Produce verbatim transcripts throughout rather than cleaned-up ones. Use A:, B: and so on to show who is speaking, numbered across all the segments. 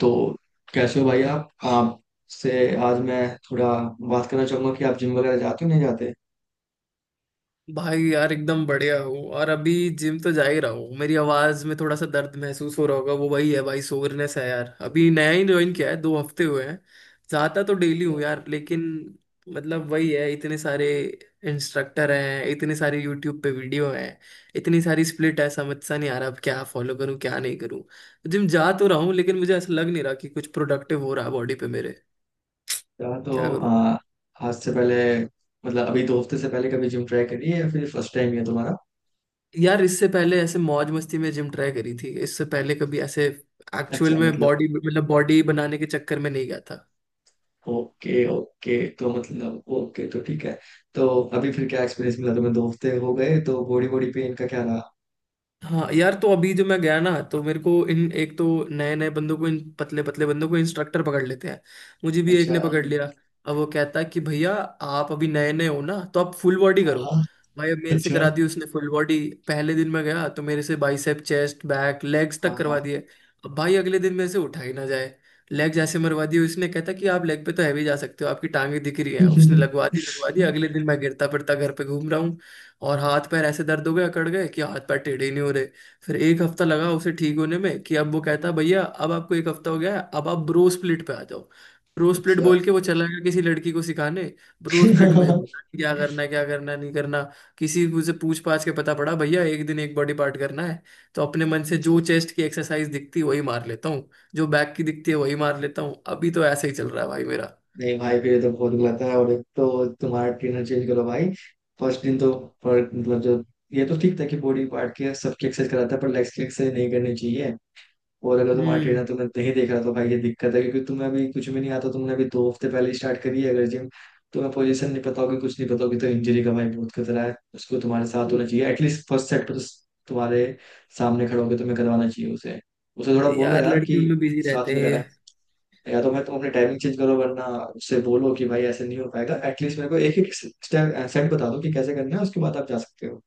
A: तो कैसे हो भाई आप आपसे आज मैं थोड़ा बात करना चाहूंगा कि आप जिम वगैरह जाते हो नहीं जाते।
B: भाई यार, एकदम बढ़िया हूँ। और अभी जिम तो जा ही रहा हूँ। मेरी आवाज में थोड़ा सा दर्द महसूस हो रहा होगा, वो वही है भाई, सोरनेस है यार। अभी नया ही ज्वाइन किया है, दो हफ्ते हुए हैं। जाता तो डेली हूँ यार, लेकिन मतलब वही है, इतने सारे इंस्ट्रक्टर हैं, इतने सारे यूट्यूब पे वीडियो हैं, इतनी सारी स्प्लिट है, समझ सा नहीं आ रहा अब क्या फॉलो करूँ क्या नहीं करूँ। जिम जा तो रहा हूँ लेकिन मुझे ऐसा लग नहीं रहा कि कुछ प्रोडक्टिव हो रहा है बॉडी पे मेरे।
A: यार तो
B: क्या?
A: आ, आज से पहले, मतलब अभी दो हफ्ते से पहले, कभी जिम ट्राई करी है या फिर फर्स्ट टाइम है तुम्हारा?
B: यार इससे पहले ऐसे मौज मस्ती में जिम ट्राई करी थी, इससे पहले कभी ऐसे एक्चुअल
A: अच्छा,
B: में
A: मतलब
B: बॉडी, मतलब बॉडी बनाने के चक्कर में नहीं गया।
A: ओके, ओके, तो मतलब ओके, तो ठीक है। तो अभी फिर क्या एक्सपीरियंस मिला तुम्हें, दो हफ्ते हो गए तो बॉडी बॉडी पेन का क्या रहा?
B: हाँ यार, तो अभी जो मैं गया ना, तो मेरे को इन एक तो नए नए बंदों को, इन पतले पतले बंदों को इंस्ट्रक्टर पकड़ लेते हैं। मुझे भी एक
A: अच्छा।
B: ने पकड़ लिया। अब वो कहता है कि भैया आप अभी नए नए हो ना, तो आप फुल बॉडी
A: हाँ,
B: करो।
A: हाँ।
B: भाई अब मेरे से
A: अच्छा।
B: करा दी उसने फुल बॉडी। पहले दिन में गया तो मेरे से बाइसेप, चेस्ट, बैक, लेग्स तक
A: हाँ,
B: करवा
A: हाँ।
B: दिए। अब भाई अगले दिन मेरे से उठा ही ना जाए। लेग जैसे मरवा दिए उसने, कहता कि आप लेग पे तो हैवी जा सकते हो, आपकी टांगे दिख रही है। उसने लगवा दी लगवा दी, अगले दिन मैं गिरता फिरता घर पे घूम रहा। और हाथ पैर ऐसे दर्द हो गए, अकड़ गए कि हाथ पैर टेढ़े ही नहीं हो रहे। फिर एक हफ्ता लगा उसे ठीक होने में, कि अब वो कहता भैया अब आपको एक हफ्ता हो गया है, अब आप ब्रो स्प्लिट पे आ जाओ। ब्रो स्प्लिट
A: अच्छा।
B: बोल के वो चला गया किसी लड़की को सिखाने। ब्रो स्प्लिट मुझे पता नहीं क्या करना है,
A: अच्छा।
B: क्या करना है, नहीं करना। किसी को से पूछ पाछ के पता पड़ा, भैया एक दिन एक बॉडी पार्ट करना है। तो अपने मन से जो चेस्ट की एक्सरसाइज दिखती है वही मार लेता हूँ, जो बैक की दिखती है वही मार लेता हूँ। अभी तो ऐसे ही चल रहा है भाई मेरा।
A: नहीं भाई, फिर तो बहुत गलत है, और एक तो तुम्हारा ट्रेनर चेंज करो भाई। फर्स्ट दिन तो पर मतलब जो, ये तो ठीक था कि बॉडी पार्ट के सबकी एक्सरसाइज कराता है, पर लेग्स की एक्सरसाइज नहीं करनी चाहिए। और अगर तुम्हारा
B: हम्म।
A: ट्रेनर तुम्हें नहीं देख रहा तो भाई ये दिक्कत है, क्योंकि तुम्हें अभी कुछ भी नहीं आता, तुमने अभी दो हफ्ते पहले स्टार्ट करी है अगर जिम। तुम्हें पोजीशन नहीं पता होगी, कुछ नहीं पता होगी, तो इंजरी का भाई बहुत खतरा है। उसको तुम्हारे साथ होना चाहिए, एटलीस्ट फर्स्ट सेट पर तो तुम्हारे सामने खड़ा होकर तुम्हें करवाना चाहिए उसे। उसे थोड़ा बोलो
B: यार
A: यार कि
B: लड़कियों में बिजी
A: साथ
B: रहते
A: में
B: हैं ये।
A: कराए, या तो मैं तुम अपनी टाइमिंग चेंज करो वरना उससे बोलो कि भाई ऐसे नहीं हो पाएगा, एटलीस्ट मेरे को एक एक स्टेप सेट बता दो कि कैसे करना है, उसके बाद आप जा सकते हो।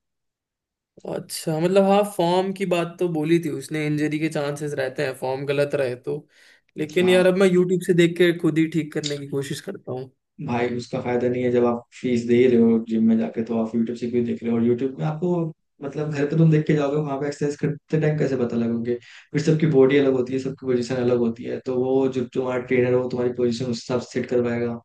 B: अच्छा मतलब, हाँ फॉर्म की बात तो बोली थी उसने, इंजरी के चांसेस रहते हैं फॉर्म गलत रहे तो। लेकिन
A: हाँ।
B: यार अब मैं यूट्यूब से देख के खुद ही ठीक करने की कोशिश करता हूँ।
A: भाई उसका फायदा नहीं है, जब आप फीस दे ही रहे हो जिम में जाके, तो आप यूट्यूब से भी देख रहे हो और यूट्यूब में आपको मतलब घर पे तुम देख के जाओगे, वहां पे एक्सरसाइज करते टाइम कैसे पता लगोगे? फिर सबकी बॉडी अलग होती है, सबकी पोजीशन अलग होती है, तो वो जो तुम्हारा ट्रेनर हो तुम्हारी पोजीशन उस हिसाब से सेट करवाएगा।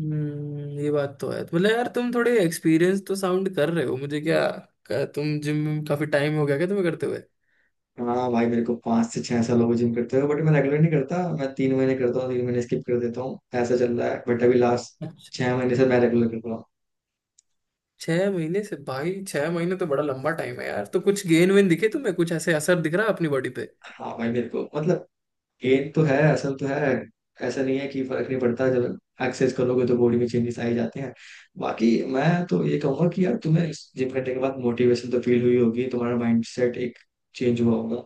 B: हम्म, ये बात तो है। तो मतलब यार तुम थोड़े एक्सपीरियंस तो साउंड कर रहे हो मुझे, क्या क्या तुम जिम में काफी टाइम हो गया क्या तुम्हें करते हुए?
A: हाँ भाई, मेरे को पाँच से छह साल हो गए जिम करते हुए, बट मैं रेगुलर नहीं करता, मैं तीन महीने करता हूँ, तीन महीने स्किप कर देता हूँ, ऐसा चल रहा है। बट अभी लास्ट
B: अच्छा।
A: छह महीने से मैं रेगुलर कर रहा हूँ।
B: छह महीने से भाई? छह महीने तो बड़ा लंबा टाइम है यार। तो कुछ गेन वेन दिखे तुम्हें? कुछ ऐसे असर दिख रहा है अपनी बॉडी पे?
A: हाँ भाई मेरे को, मतलब गेन तो है, असल तो है। ऐसा नहीं है कि फर्क नहीं पड़ता, जब एक्सरसाइज करोगे तो बॉडी में चेंजेस आ ही जाते हैं। बाकी मैं तो ये कहूंगा कि यार तुम्हें जिम करने के बाद मोटिवेशन तो फील हुई होगी, तुम्हारा माइंड सेट एक चेंज हुआ होगा।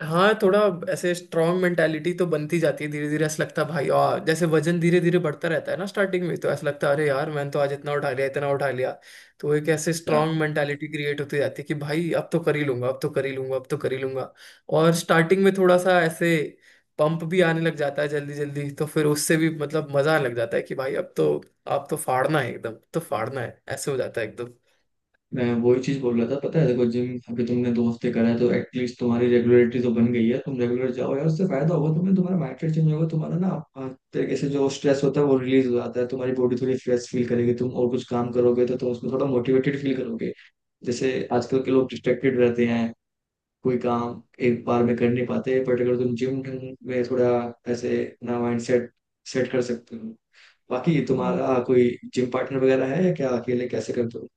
B: हाँ थोड़ा ऐसे स्ट्रांग मेंटालिटी तो बनती जाती है धीरे धीरे, ऐसा लगता है भाई। और जैसे वजन धीरे धीरे बढ़ता रहता है ना स्टार्टिंग में, तो ऐसा लगता है अरे यार मैंने तो आज इतना उठा लिया इतना उठा लिया। तो एक ऐसे स्ट्रांग मेंटालिटी क्रिएट होती जाती है कि भाई अब तो कर ही लूंगा, अब तो कर ही लूंगा, अब तो कर ही लूंगा। और स्टार्टिंग में थोड़ा सा ऐसे पंप भी आने लग जाता है जल्दी जल्दी, तो फिर उससे भी मतलब मजा आने लग जाता है कि भाई अब तो आप तो फाड़ना है एकदम, अब तो फाड़ना है, ऐसे हो जाता है एकदम।
A: मैं वही चीज बोल रहा था, पता है? देखो, जिम अभी तुमने दो हफ्ते करा है, तो एटलीस्ट तुम्हारी रेगुलरिटी तो बन गई है। तुम रेगुलर जाओ यार, उससे फायदा होगा तुम्हें, तुम्हारा माइंडसेट चेंज होगा, तुम्हारा ना आ, तरीके से जो स्ट्रेस होता है वो रिलीज हो जाता है, तुम्हारी बॉडी थोड़ी फ्रेश फील करेगी, तुम और कुछ काम करोगे तो तुम उसमें थोड़ा मोटिवेटेड फील करोगे। जैसे आजकल के लोग डिस्ट्रैक्टेड रहते हैं, कोई काम एक बार में कर नहीं पाते, बट अगर तुम जिम में थोड़ा ऐसे अपना माइंड सेट सेट कर सकते हो। बाकी तुम्हारा कोई जिम पार्टनर वगैरह है या क्या, अकेले कैसे करते हो?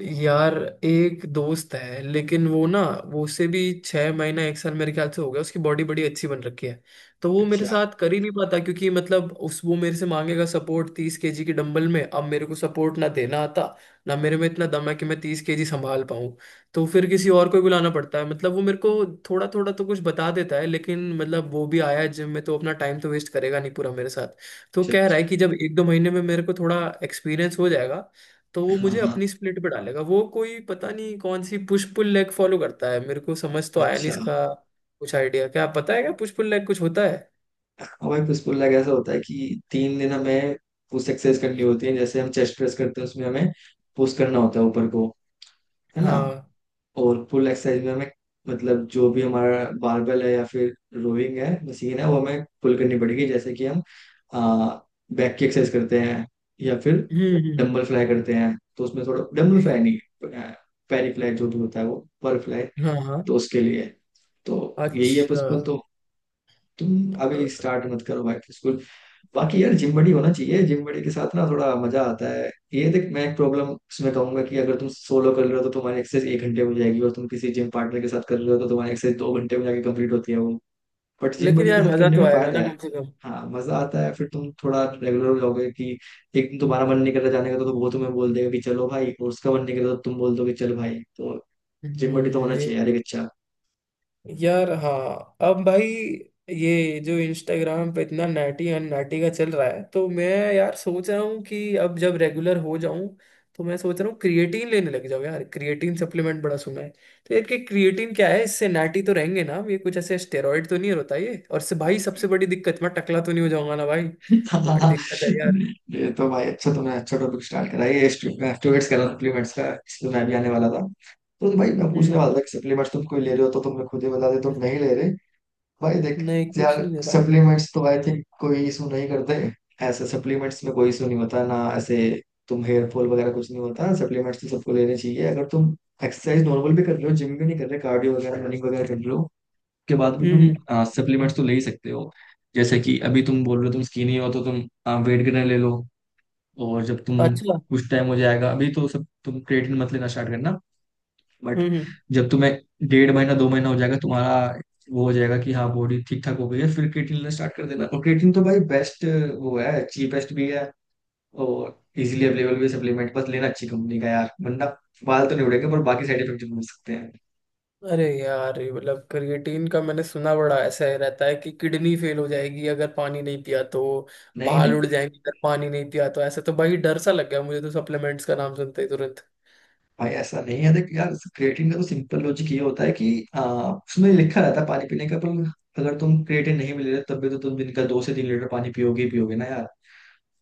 B: यार एक दोस्त है लेकिन वो ना, वो उससे भी छह महीना एक साल मेरे ख्याल से हो गया, उसकी बॉडी बड़ी अच्छी बन रखी है। तो वो मेरे
A: अच्छा।
B: साथ कर ही नहीं पाता क्योंकि मतलब उस वो मेरे से मांगेगा सपोर्ट तीस केजी की डंबल में, अब मेरे को सपोर्ट ना देना आता, ना मेरे में इतना दम है कि मैं तीस केजी संभाल पाऊँ। तो फिर किसी और को ही बुलाना पड़ता है। मतलब वो मेरे को थोड़ा थोड़ा तो कुछ बता देता है लेकिन, मतलब वो भी आया है जिम में तो अपना टाइम तो वेस्ट करेगा नहीं पूरा मेरे साथ। तो
A: अच्छा।
B: कह रहा
A: अच्छा।
B: है कि जब एक दो महीने में मेरे को थोड़ा एक्सपीरियंस हो जाएगा तो वो
A: हाँ,
B: मुझे
A: हाँ।
B: अपनी स्प्लिट पे डालेगा। वो कोई पता नहीं कौन सी पुश पुल लेग फॉलो करता है, मेरे को समझ तो आया नहीं
A: अच्छा।
B: इसका। कुछ आइडिया क्या आप, पता है क्या पुश पुल लेग कुछ होता है?
A: हमारे पुश पुल लेग ऐसा होता है कि तीन दिन हमें पुश एक्सरसाइज करनी होती है, जैसे हम चेस्ट प्रेस करते हैं उसमें हमें पुश करना होता है ऊपर को, है ना?
B: हाँ।
A: और पुल एक्सरसाइज में हमें मतलब जो भी हमारा बारबेल है या फिर रोइंग है मशीन है, वो हमें पुल करनी पड़ेगी। जैसे कि हम आ, बैक की एक्सरसाइज करते हैं, या फिर
B: हम्म।
A: डंबल फ्लाई करते हैं तो उसमें थोड़ा, डंबल
B: हम्म,
A: फ्लाई नहीं, पैरी फ्लाई जो भी होता है, वो पर फ्लाई।
B: हाँ हाँ।
A: तो उसके लिए तो, यही है पुश
B: अच्छा।
A: पुल। तो तुम अभी स्टार्ट मत करो बैक टू स्कूल। बाकी यार जिम बड़ी होना चाहिए, जिम बड़ी के साथ ना थोड़ा मजा आता है। ये देख, मैं एक प्रॉब्लम उसमें कहूंगा कि अगर तुम सोलो कर रहे हो तो तुम्हारी एक्सरसाइज एक घंटे में हो जाएगी, और तुम किसी जिम पार्टनर के साथ कर रहे हो तो तुम्हारी एक्सरसाइज दो घंटे में जाके कंप्लीट होती है वो, बट जिम
B: लेकिन
A: बड़ी के
B: यार
A: साथ
B: मजा
A: करने
B: तो
A: में
B: आएगा
A: फायदा
B: ना
A: है।
B: कम से कम।
A: हाँ, मजा आता है, फिर तुम थोड़ा रेगुलर हो जाओगे कि एक दिन तुम्हारा मन नहीं कर रहा जाने का, तो वो तुम्हें बोल देगा कि चलो भाई, और उसका मन नहीं कर रहा तो तुम बोल दोगे चल भाई। तो
B: हम्म,
A: जिम बड़ी तो होना
B: ये।
A: चाहिए यार, एक अच्छा।
B: यार हाँ, अब भाई ये जो इंस्टाग्राम पे इतना नैटी एंड नैटी का चल रहा है तो मैं, यार सोच रहा हूँ कि अब जब रेगुलर हो जाऊं तो मैं सोच रहा हूँ क्रिएटिन लेने लग जाऊँ यार, क्रिएटिन सप्लीमेंट बड़ा सुना है। तो यार कि क्रिएटिन क्या है, इससे नैटी तो रहेंगे ना हम? ये कुछ ऐसे स्टेरॉइड तो नहीं होता ये? और से भाई सबसे बड़ी दिक्कत, मैं टकला तो नहीं हो जाऊंगा ना भाई? बड़ी दिक्कत है यार।
A: ये तो भाई अच्छा, तुमने अच्छा टॉपिक स्टार्ट करा है। ये स्टूडेंट्स कह रहा सप्लीमेंट्स का, इसलिए मैं भी आने वाला था। तो भाई मैं पूछने
B: हम्म।
A: वाला था कि सप्लीमेंट्स तुम कोई ले रहे हो, तो तुमने खुद ही बता दिया तुम नहीं ले रहे। भाई देख
B: नहीं कुछ
A: यार,
B: नहीं दे रहा।
A: सप्लीमेंट्स तो आई थिंक कोई इशू नहीं करते, ऐसे सप्लीमेंट्स में कोई इशू नहीं होता ना, ऐसे तुम हेयर फॉल वगैरह कुछ नहीं होता। सप्लीमेंट्स तो सबको लेने चाहिए, अगर तुम एक्सरसाइज नॉर्मल भी कर रहे हो, जिम भी नहीं कर रहे, कार्डियो वगैरह रनिंग वगैरह कर रहे हो, के बाद में
B: हम्म हम्म।
A: तुम सप्लीमेंट्स तो ले ही सकते हो। जैसे कि अभी तुम बोल रहे हो तुम स्किनी हो, तो तुम वेट गेनर ले लो। और जब तुम,
B: अच्छा।
A: कुछ टाइम हो जाएगा अभी तो सब, तुम क्रिएटिन मत लेना स्टार्ट करना, बट
B: हम्म हम्म।
A: जब तुम्हें डेढ़ महीना दो महीना हो जाएगा तुम्हारा, वो हो जाएगा कि हाँ बॉडी ठीक ठाक हो गई है, फिर क्रिएटिन लेना स्टार्ट कर देना। और क्रिएटिन तो भाई बेस्ट वो है, चीपेस्ट भी है और इजीली अवेलेबल भी सप्लीमेंट, बस लेना अच्छी कंपनी का यार, वरना बाल तो नहीं उड़ेंगे पर बाकी साइड इफेक्ट जरूर हो सकते हैं।
B: अरे यार, ये मतलब क्रिएटिन का मैंने सुना बड़ा ऐसा है, रहता है कि किडनी फेल हो जाएगी अगर पानी नहीं पिया तो,
A: नहीं,
B: बाल
A: नहीं,
B: उड़ जाएंगे अगर पानी नहीं पिया तो। ऐसा तो भाई डर सा लग गया मुझे तो सप्लीमेंट्स का नाम सुनते ही तुरंत।
A: भाई ऐसा नहीं है, देख यार, क्रिएटिन का तो सिंपल लॉजिक ये होता है कि आ, उसमें लिखा रहता है पानी पीने का, पर अगर तुम क्रिएटिन नहीं मिल रहे तब भी तो तुम दिन का दो से तीन लीटर पानी पियोगे ही पियोगे ना यार।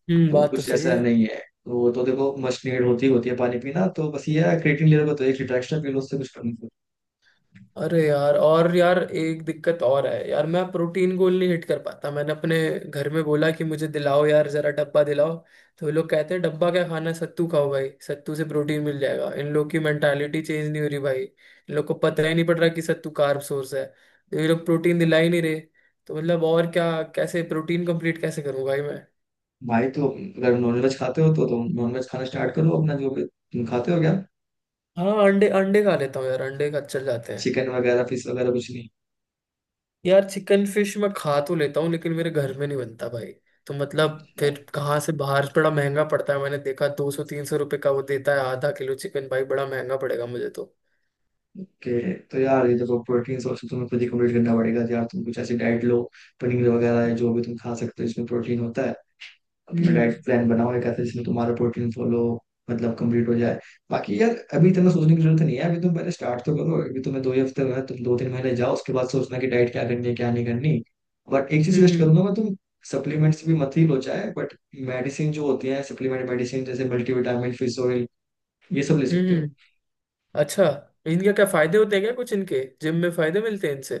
B: हम्म,
A: तो
B: बात तो
A: कुछ
B: सही
A: ऐसा
B: है।
A: नहीं है, तो तो देखो मस्ट नीड होती ही होती है पानी पीना, तो बस ये है क्रिएटिन ले रहे हो तो एक लीटर एक्स्ट्रा पी लो, उससे कुछ फर्क नहीं पड़ता।
B: अरे यार, और यार एक दिक्कत और है यार, मैं प्रोटीन गोल नहीं हिट कर पाता। मैंने अपने घर में बोला कि मुझे दिलाओ यार जरा डब्बा दिलाओ, तो वो लोग कहते हैं डब्बा क्या खाना है, सत्तू खाओ भाई सत्तू से प्रोटीन मिल जाएगा। इन लोग की मेंटालिटी चेंज नहीं हो रही भाई, इन लोग को पता ही नहीं पड़ रहा कि सत्तू कार्ब सोर्स है तो ये लोग प्रोटीन दिला ही नहीं रहे। तो मतलब और क्या, कैसे प्रोटीन कंप्लीट कैसे करूँ भाई मैं?
A: भाई तो अगर नॉनवेज खाते हो तो तुम नॉनवेज खाना स्टार्ट करो, अपना जो भी तुम खाते हो क्या,
B: हाँ अंडे, अंडे खा लेता हूँ यार, अंडे का चल जाते हैं।
A: चिकन वगैरह फिश वगैरह कुछ नहीं?
B: यार चिकन फिश मैं खा तो लेता हूँ लेकिन मेरे घर में नहीं बनता भाई। तो मतलब फिर कहाँ से, बाहर बड़ा महंगा पड़ता है, मैंने देखा दो सौ तीन सौ रुपये का वो देता है आधा किलो चिकन, भाई बड़ा महंगा पड़ेगा मुझे तो।
A: ओके, तो यार ये देखो प्रोटीन सोर्स तो तुम्हें खुद ही कंप्लीट करना पड़ेगा। तो यार तुम कुछ ऐसी डाइट लो, पनीर वगैरह है जो भी तुम खा सकते हो इसमें प्रोटीन होता है। अपना
B: हम्म।
A: डाइट प्लान बनाओ एक ऐसे जिसमें तुम्हारा प्रोटीन फॉलो, मतलब कंप्लीट हो जाए। बाकी यार अभी इतना सोचने की जरूरत नहीं है, अभी तुम पहले स्टार्ट तो करो, अभी तुम्हें दो ही हफ्ते में, तुम दो तीन महीने जाओ उसके बाद सोचना कि डाइट क्या करनी है क्या नहीं करनी। बट एक चीज सजेस्ट
B: हम्म
A: करूंगा मैं, तुम सप्लीमेंट्स भी मत ही लो चाहे, बट मेडिसिन जो होती है सप्लीमेंट मेडिसिन, जैसे मल्टीविटामिन, फिश ऑयल, ये सब ले सकते हो।
B: हम्म। अच्छा, इनके क्या फायदे होते हैं क्या, कुछ इनके जिम में फायदे मिलते हैं इनसे?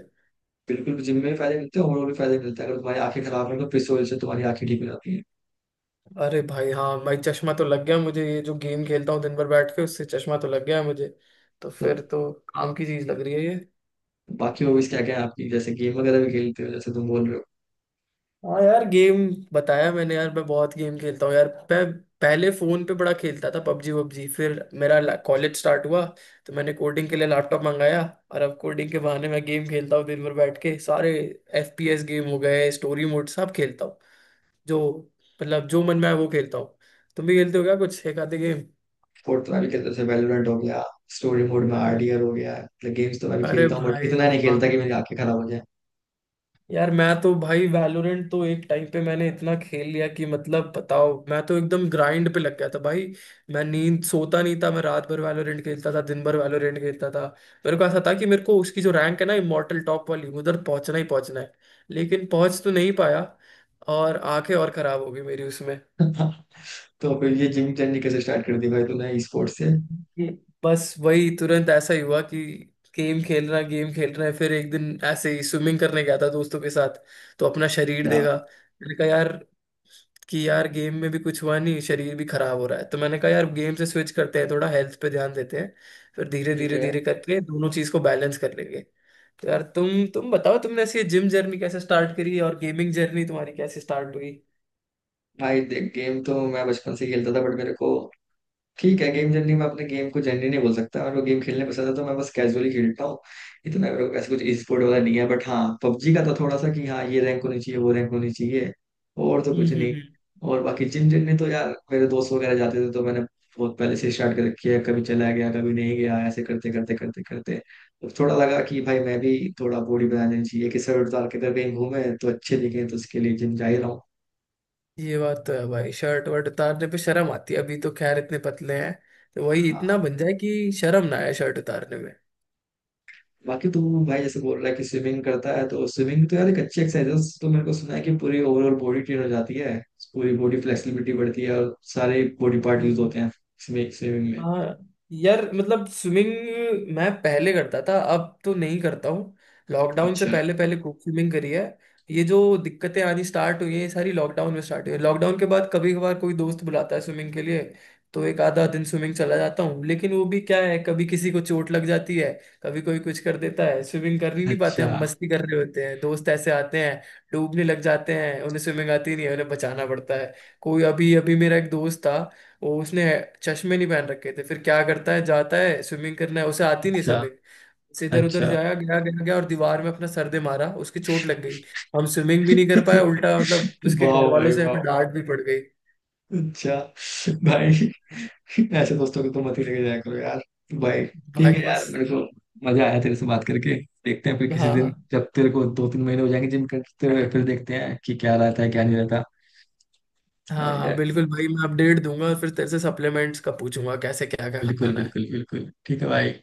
A: बिल्कुल जिम में भी फायदे मिलते हैं, और भी फायदे मिलते हैं। अगर तुम्हारी आंखें खराब है तो फिश ऑयल से तुम्हारी आंखें ठीक हो जाती है।
B: अरे भाई हाँ भाई, चश्मा तो लग गया मुझे, ये जो गेम खेलता हूँ दिन भर बैठ के, उससे चश्मा तो लग गया है मुझे। तो
A: तो
B: फिर तो काम की चीज लग रही है ये।
A: बाकी हॉबीज क्या क्या है आपकी, जैसे गेम वगैरह भी खेलते हो जैसे तुम बोल रहे हो?
B: हाँ यार गेम, बताया मैंने यार, मैं बहुत गेम खेलता हूँ यार। मैं पहले फोन पे बड़ा खेलता था पबजी वबजी। फिर मेरा कॉलेज स्टार्ट हुआ तो मैंने कोडिंग के लिए लैपटॉप मंगाया, और अब कोडिंग के बहाने मैं गेम खेलता हूँ दिन भर बैठ के। सारे एफ पी एस गेम हो गए, स्टोरी मोड, सब खेलता हूँ। जो मतलब जो मन में आए वो खेलता हूँ। तुम भी खेलते हो क्या कुछ एक आधे गेम?
A: स्पोर्ट तो मैं भी खेलता हूँ, जैसे वैलोरेंट हो गया, स्टोरी मोड में आर डी आर हो गया, मतलब गेम्स तो मैं भी
B: अरे
A: खेलता हूँ, बट
B: भाई
A: इतना नहीं
B: वाह,
A: खेलता कि मेरी आंखें खराब हो जाए।
B: यार मैं तो भाई वैलोरेंट तो एक टाइम पे मैंने इतना खेल लिया कि मतलब बताओ मैं तो एकदम ग्राइंड पे लग गया था भाई। मैं नींद सोता नहीं था, मैं रात भर वैलोरेंट खेलता था, दिन भर वैलोरेंट खेलता था। मेरे को ऐसा था कि मेरे को उसकी जो रैंक है ना इमॉर्टल टॉप वाली, उधर पहुंचना ही पहुंचना है। लेकिन पहुंच तो नहीं पाया और आंखें और खराब हो गई मेरी उसमें।
A: तो फिर ये जिम जर्नी कैसे स्टार्ट कर दी भाई तूने ई स्पोर्ट्स से?
B: ये- बस वही तुरंत ऐसा ही हुआ कि गेम खेल रहा, गेम खेल रहा है, फिर एक दिन ऐसे ही स्विमिंग करने गया था दोस्तों के साथ। तो अपना शरीर
A: या,
B: देखा, मैंने कहा यार कि यार गेम में भी कुछ हुआ नहीं, शरीर भी खराब हो रहा है। तो मैंने कहा यार गेम से स्विच करते हैं, थोड़ा हेल्थ पे ध्यान देते हैं। फिर धीरे
A: ठीक
B: धीरे
A: है,
B: धीरे करके दोनों चीज को बैलेंस कर लेंगे। तो यार तुम तुम बताओ, तुमने ऐसी जिम जर्नी कैसे स्टार्ट करी और गेमिंग जर्नी तुम्हारी कैसे स्टार्ट
A: भाई देख गेम तो मैं बचपन से ही खेलता था, बट मेरे को ठीक है, गेम जर्नी में अपने गेम को जर्नी नहीं बोल सकता, और वो गेम खेलने पसंद है तो मैं बस कैजुअली खेलता हूँ। ये तो मैं, मेरे को ऐसे कुछ ई स्पोर्ट वाला नहीं है, बट हाँ पबजी का तो थोड़ा सा कि हाँ ये रैंक होनी चाहिए वो रैंक होनी चाहिए, और तो कुछ नहीं।
B: हुई?
A: और बाकी जिम जर्नी तो यार, मेरे दोस्त वगैरह जाते थे तो मैंने बहुत पहले से स्टार्ट कर रखी है, कभी चला गया कभी नहीं गया, ऐसे करते करते करते करते तो थोड़ा लगा कि भाई मैं भी थोड़ा बॉडी बनानी चाहिए, कि सर उतार के अगर कहीं घूमे तो अच्छे दिखे, तो उसके लिए जिम जा ही रहा
B: ये बात तो है भाई, शर्ट वर्ट उतारने पे शर्म आती है, अभी तो खैर इतने पतले हैं। तो वही
A: हूँ।
B: इतना बन जाए कि शर्म ना आए शर्ट उतारने
A: बाकी तू भाई जैसे बोल रहा है कि स्विमिंग करता है, तो स्विमिंग तो यार एक अच्छी एक्सरसाइज है। तो मेरे को सुना है कि पूरी ओवरऑल बॉडी ट्रेन हो जाती है, पूरी बॉडी फ्लेक्सिबिलिटी बढ़ती है और सारे बॉडी पार्ट यूज
B: में।
A: होते हैं स्विमिंग स्विमिंग में।
B: हाँ यार मतलब स्विमिंग मैं पहले करता था, अब तो नहीं करता हूँ। लॉकडाउन से
A: अच्छा।
B: पहले पहले खूब स्विमिंग करी है। ये जो दिक्कतें आनी स्टार्ट हुई हैं ये सारी लॉकडाउन में स्टार्ट हुई है। लॉकडाउन के बाद कभी कभार कोई दोस्त बुलाता है स्विमिंग के लिए, तो एक आधा दिन स्विमिंग चला जाता हूँ। लेकिन वो भी क्या है, कभी किसी को चोट लग जाती है, कभी कोई कुछ कर देता है, स्विमिंग कर ही नहीं पाते। हम
A: अच्छा।
B: मस्ती कर रहे होते हैं, दोस्त ऐसे आते हैं, डूबने लग जाते हैं, उन्हें स्विमिंग आती नहीं है, उन्हें बचाना पड़ता है। कोई अभी अभी मेरा एक दोस्त था, वो, उसने चश्मे नहीं पहन रखे थे, फिर क्या करता है जाता है स्विमिंग करना है उसे, आती नहीं
A: अच्छा।
B: स्विमिंग उसे। इधर उधर
A: अच्छा।
B: जाया गया गया गया और दीवार में अपना सर दे मारा, उसकी चोट लग गई। हम स्विमिंग भी नहीं कर पाए, उल्टा मतलब उसके
A: वाह
B: घर वालों
A: भाई
B: से
A: वाह।
B: हमें डांट भी पड़ गई।
A: अच्छा। भाई ऐसे दोस्तों को तो मत ही लेके जाया करो यार, भाई।
B: भाई
A: ठीक है
B: बस।
A: यार, मेरे को मजा आया तेरे से बात करके। देखते हैं फिर किसी दिन,
B: हाँ
A: जब तेरे को दो तीन महीने हो जाएंगे जिम करते हुए, फिर देखते हैं कि क्या रहता है क्या नहीं
B: हाँ हाँ
A: रहता।
B: बिल्कुल भाई, मैं अपडेट दूंगा और फिर तेरे से सप्लीमेंट्स का पूछूंगा कैसे क्या क्या
A: बिल्कुल,
B: खाना है।
A: बिल्कुल, बिल्कुल ठीक है भाई।